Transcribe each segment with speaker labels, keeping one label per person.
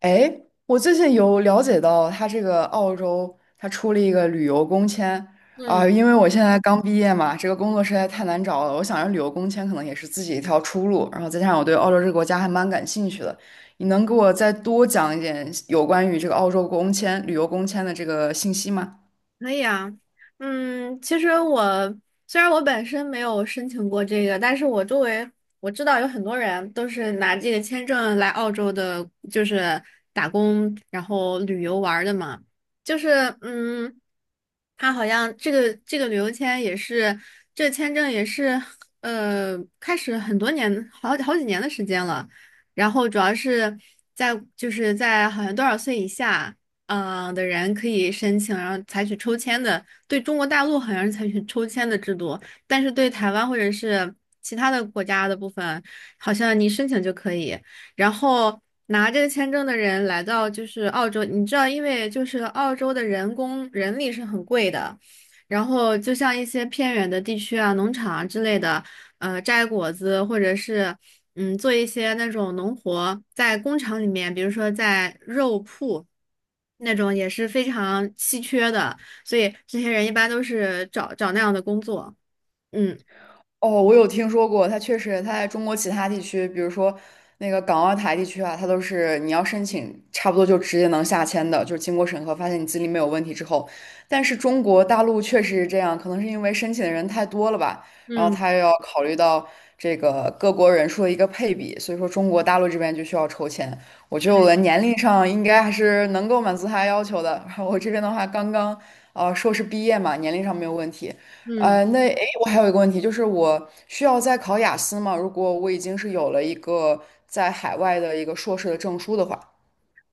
Speaker 1: 哎，我最近有了解到，他这个澳洲他出了一个旅游工签啊，
Speaker 2: 嗯，
Speaker 1: 因为我现在刚毕业嘛，这个工作实在太难找了，我想着旅游工签可能也是自己一条出路，然后再加上我对澳洲这个国家还蛮感兴趣的，你能给我再多讲一点有关于这个澳洲工签、旅游工签的这个信息吗？
Speaker 2: 可以啊。其实虽然我本身没有申请过这个，但是我周围我知道有很多人都是拿这个签证来澳洲的，就是打工然后旅游玩儿的嘛。就是嗯，他好像这个旅游签也是这个签证也是开始很多年好好几年的时间了，然后主要是在就是在好像多少岁以下的人可以申请，然后采取抽签的。对中国大陆好像是采取抽签的制度，但是对台湾或者是其他的国家的部分，好像你申请就可以。然后拿这个签证的人来到就是澳洲，你知道，因为就是澳洲的人工人力是很贵的，然后就像一些偏远的地区啊、农场啊之类的，摘果子或者是。做一些那种农活，在工厂里面，比如说在肉铺那种也是非常稀缺的，所以这些人一般都是找找那样的工作。嗯
Speaker 1: 哦，我有听说过，它确实，它在中国其他地区，比如说那个港澳台地区啊，它都是你要申请，差不多就直接能下签的，就是经过审核发现你资历没有问题之后。但是中国大陆确实是这样，可能是因为申请的人太多了吧，然后
Speaker 2: 嗯
Speaker 1: 他又要考虑到这个各国人数的一个配比，所以说中国大陆这边就需要抽签。我觉得我的年龄上应该还是能够满足他要求的，然后我这边的话刚刚硕士毕业嘛，年龄上没有问题。
Speaker 2: 嗯。
Speaker 1: 那诶，我还有一个问题，就是我需要再考雅思吗？如果我已经是有了一个在海外的一个硕士的证书的话，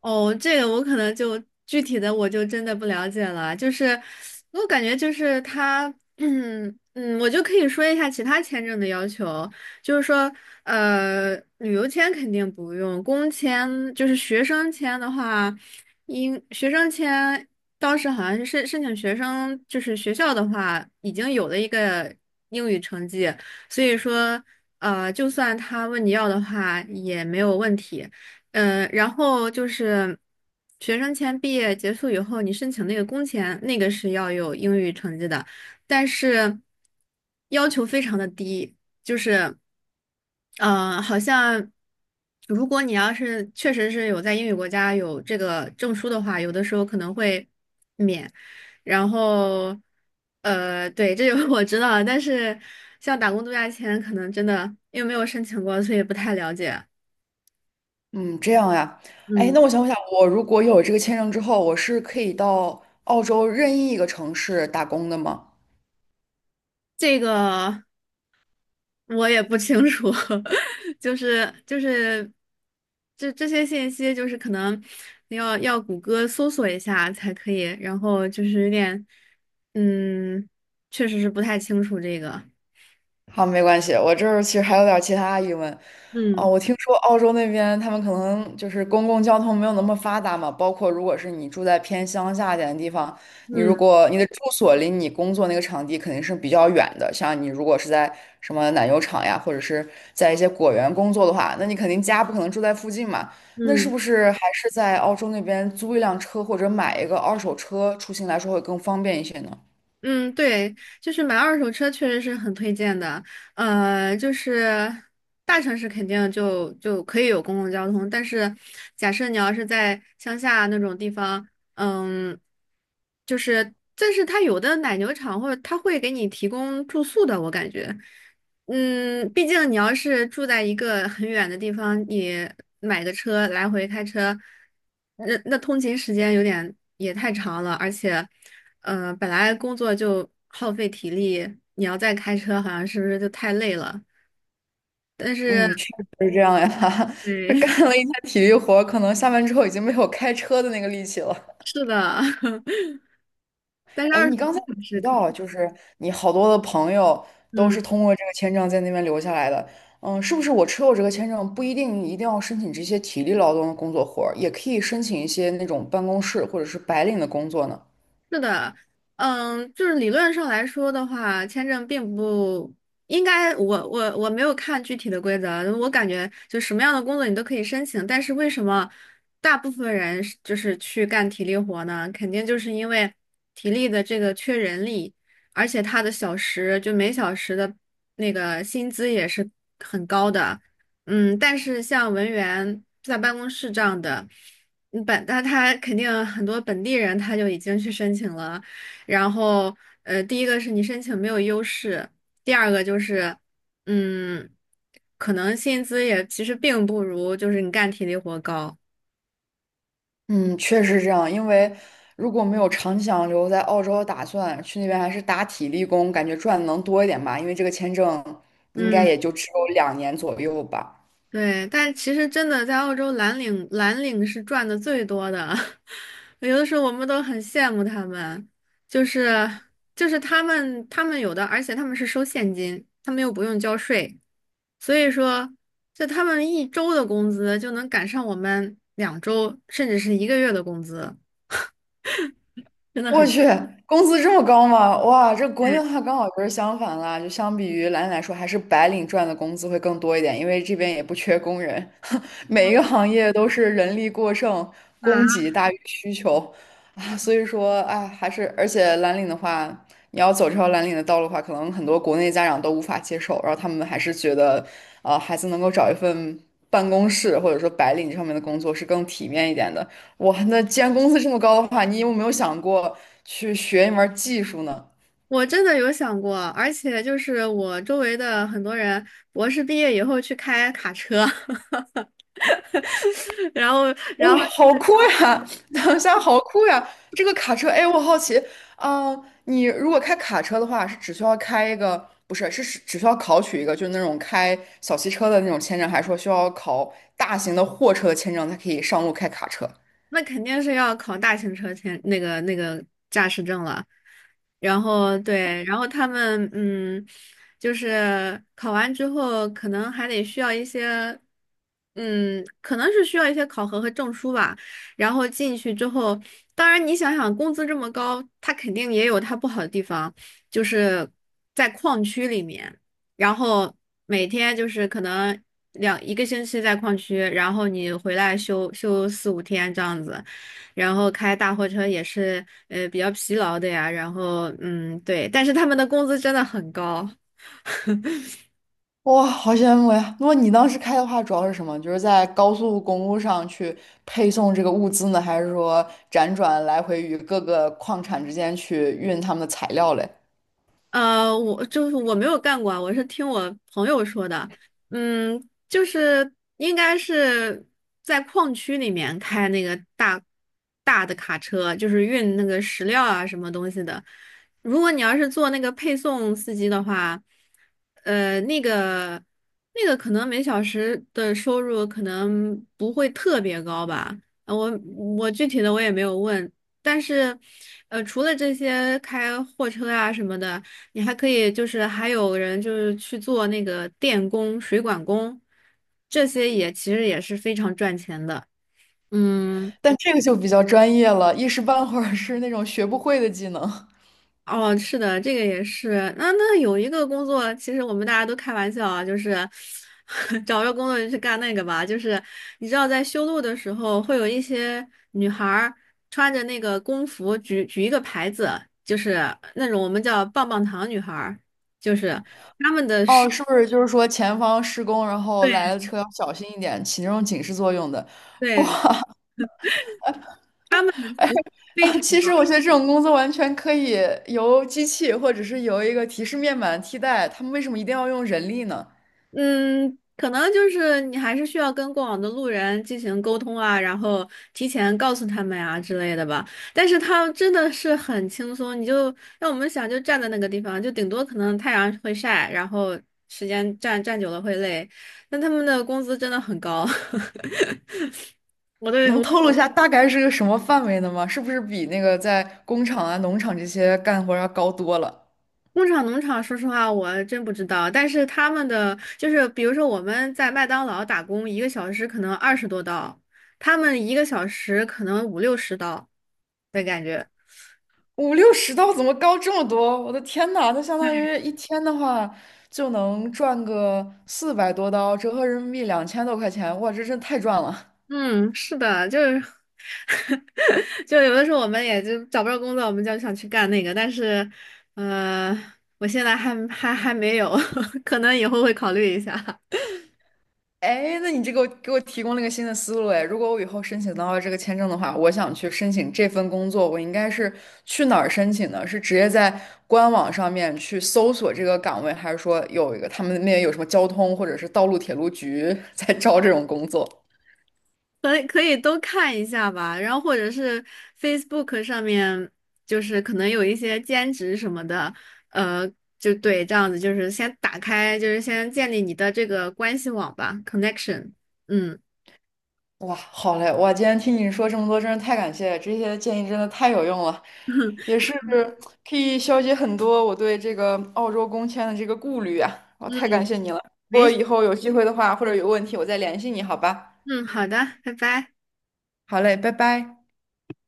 Speaker 2: 哦，这个我可能就具体的我就真的不了解了，就是我感觉就是他，我就可以说一下其他签证的要求，就是说，旅游签肯定不用，工签就是学生签的话，应学生签当时好像是申请学生，就是学校的话已经有了一个英语成绩，所以说，就算他问你要的话也没有问题。然后就是学生签毕业结束以后，你申请那个工签，那个是要有英语成绩的，但是要求非常的低，就是，嗯，好像如果你要是确实是有在英语国家有这个证书的话，有的时候可能会免，然后，对，这个 我知道但是像打工度假签，可能真的因为没有申请过，所以不太了解。
Speaker 1: 嗯，这样呀。哎，
Speaker 2: 嗯。
Speaker 1: 那我想想，我如果有这个签证之后，我是可以到澳洲任意一个城市打工的吗？
Speaker 2: 这个我也不清楚，就是这些信息，就是可能要谷歌搜索一下才可以，然后就是有点，嗯，确实是不太清楚这个。
Speaker 1: 好，没关系，我这儿其实还有点儿其他疑问。哦，
Speaker 2: 嗯
Speaker 1: 我听说澳洲那边他们可能就是公共交通没有那么发达嘛，包括如果是你住在偏乡下一点的地方，你如
Speaker 2: 嗯
Speaker 1: 果你的住所离你工作那个场地肯定是比较远的。像你如果是在什么奶油厂呀，或者是在一些果园工作的话，那你肯定家不可能住在附近嘛。那是
Speaker 2: 嗯。
Speaker 1: 不是还是在澳洲那边租一辆车或者买一个二手车出行来说会更方便一些呢？
Speaker 2: 嗯，对，就是买二手车确实是很推荐的。就是大城市肯定就可以有公共交通，但是假设你要是在乡下那种地方，嗯，但是它有的奶牛场或者它会给你提供住宿的，我感觉。毕竟你要是住在一个很远的地方，你买个车来回开车，那通勤时间有点也太长了，而且，本来工作就耗费体力，你要再开车，好像是不是就太累了？但是，
Speaker 1: 嗯，确实是这样呀。这
Speaker 2: 对，
Speaker 1: 干了一天体力活，可能下班之后已经没有开车的那个力气了。
Speaker 2: 是的，但是
Speaker 1: 哎，
Speaker 2: 二十
Speaker 1: 你刚才
Speaker 2: 个
Speaker 1: 有
Speaker 2: 小时
Speaker 1: 提
Speaker 2: 可以。
Speaker 1: 到，就是你好多的朋友都
Speaker 2: 嗯。
Speaker 1: 是通过这个签证在那边留下来的。嗯，是不是我持有这个签证不一定一定要申请这些体力劳动的工作活儿，也可以申请一些那种办公室或者是白领的工作呢？
Speaker 2: 是的，就是理论上来说的话，签证并不应该，我没有看具体的规则啊，我感觉就什么样的工作你都可以申请，但是为什么大部分人就是去干体力活呢？肯定就是因为体力的这个缺人力，而且他的小时就每小时的那个薪资也是很高的，但是像文员在办公室这样的。那他肯定很多本地人他就已经去申请了，然后第一个是你申请没有优势，第二个就是嗯，可能薪资也其实并不如就是你干体力活高。
Speaker 1: 嗯，确实是这样。因为如果没有长期想留在澳洲的打算，去那边还是打体力工，感觉赚的能多一点吧。因为这个签证应该
Speaker 2: 嗯。
Speaker 1: 也就只有2年左右吧。
Speaker 2: 对，但其实真的在澳洲蓝领，蓝领是赚的最多的，有的时候我们都很羡慕他们，就是就是他们有的，而且他们是收现金，他们又不用交税，所以说就他们一周的工资就能赶上我们2周甚至是一个月的工资，真的
Speaker 1: 我
Speaker 2: 很羡
Speaker 1: 去，工资这么高吗？哇，这国内的话刚好就是相反啦，就相比于蓝领来说，还是白领赚的工资会更多一点，因为这边也不缺工人，每一个行业都是人力过剩，
Speaker 2: 慕啊！
Speaker 1: 供给大于需求啊，所以说，哎，而且蓝领的话，你要走这条蓝领的道路的话，可能很多国内家长都无法接受，然后他们还是觉得，孩子能够找一份办公室或者说白领上面的工作是更体面一点的。哇，那既然工资这么高的话，你有没有想过去学一门儿技术呢？
Speaker 2: 我真的有想过，而且就是我周围的很多人博士毕业以后去开卡车。然后，然
Speaker 1: 哇，
Speaker 2: 后
Speaker 1: 好酷呀！等一下，好酷呀！这个卡车，哎，我好奇，啊、你如果开卡车的话，是只需要开一个，不是，是只需要考取一个，就是那种开小汽车的那种签证，还是说需要考大型的货车的签证才可以上路开卡车？
Speaker 2: 那肯定是要考大型车前那个驾驶证了。然后对，然后他们就是考完之后，可能还得需要一些，可能是需要一些考核和证书吧。然后进去之后，当然你想想，工资这么高，它肯定也有它不好的地方，就是在矿区里面。然后每天就是可能一个星期在矿区，然后你回来休四五天这样子，然后开大货车也是比较疲劳的呀，然后对，但是他们的工资真的很高。
Speaker 1: 哇，好羡慕呀！那么你当时开的话，主要是什么？就是在高速公路上去配送这个物资呢，还是说辗转来回于各个矿产之间去运他们的材料嘞？
Speaker 2: 我就是我没有干过啊，我是听我朋友说的，嗯，就是应该是在矿区里面开那个大大的卡车，就是运那个石料啊什么东西的。如果你要是做那个配送司机的话，呃，那个那个可能每小时的收入可能不会特别高吧，呃我我具体的我也没有问，但是，除了这些开货车啊什么的。你还可以还有人就是去做那个电工、水管工，这些也其实也是非常赚钱的。嗯，
Speaker 1: 但这个就比较专业了，一时半会儿是那种学不会的技能。
Speaker 2: 哦，是的，这个也是。那有一个工作，其实我们大家都开玩笑啊，就是 找着工作就去干那个吧。就是你知道，在修路的时候，会有一些女孩儿穿着那个工服举举一个牌子，就是那种我们叫棒棒糖女孩儿，就是
Speaker 1: 哦，是不是就是说前方施工，然后
Speaker 2: 对
Speaker 1: 来的车要小心一点，起那种警示作用的？
Speaker 2: 对，她们非
Speaker 1: 啊，
Speaker 2: 常。
Speaker 1: 其实我觉得这种工作完全可以由机器或者是由一个提示面板替代，他们为什么一定要用人力呢？
Speaker 2: 嗯，可能就是你还是需要跟过往的路人进行沟通啊，然后提前告诉他们啊之类的吧。但是他真的是很轻松，你就让我们想就站在那个地方，就顶多可能太阳会晒，然后时间站站久了会累。但他们的工资真的很高，我
Speaker 1: 能
Speaker 2: 我。
Speaker 1: 透露一下大概是个什么范围的吗？是不是比那个在工厂啊、农场这些干活要高多了？
Speaker 2: 工厂、农场，说实话，我真不知道。但是他们的就是，比如说我们在麦当劳打工，一个小时可能20多刀，他们一个小时可能五六十刀的感觉。
Speaker 1: 五六十刀怎么高这么多？我的天呐，那相当于一天的话就能赚个400多刀，折合人民币2000多块钱，哇，这真太赚了！
Speaker 2: 嗯，是的，就是，就有的时候我们也就找不着工作，我们就想去干那个。但是，呃，我现在还没有，可能以后会考虑一下。
Speaker 1: 哎，那你这个给我提供了一个新的思路哎。如果我以后申请到了这个签证的话，我想去申请这份工作，我应该是去哪儿申请呢？是直接在官网上面去搜索这个岗位，还是说有一个他们那边有什么交通或者是道路铁路局 在招这种工作？
Speaker 2: 可以可以都看一下吧，然后或者是 Facebook 上面，就是可能有一些兼职什么的，呃，就对，这样子就是先打开，就是先建立你的这个关系网吧，connection。嗯
Speaker 1: 哇，好嘞！哇，今天听你说这么多，真是太感谢了，这些建议真的太有用了，也是可以消解很多我对这个澳洲工签的这个顾虑啊！哇，太感
Speaker 2: 嗯，
Speaker 1: 谢你了。如
Speaker 2: 没
Speaker 1: 果
Speaker 2: 事，
Speaker 1: 以后有机会的话，或者有问题，我再联系你，好吧？
Speaker 2: 嗯，好的，拜拜。
Speaker 1: 好嘞，拜拜。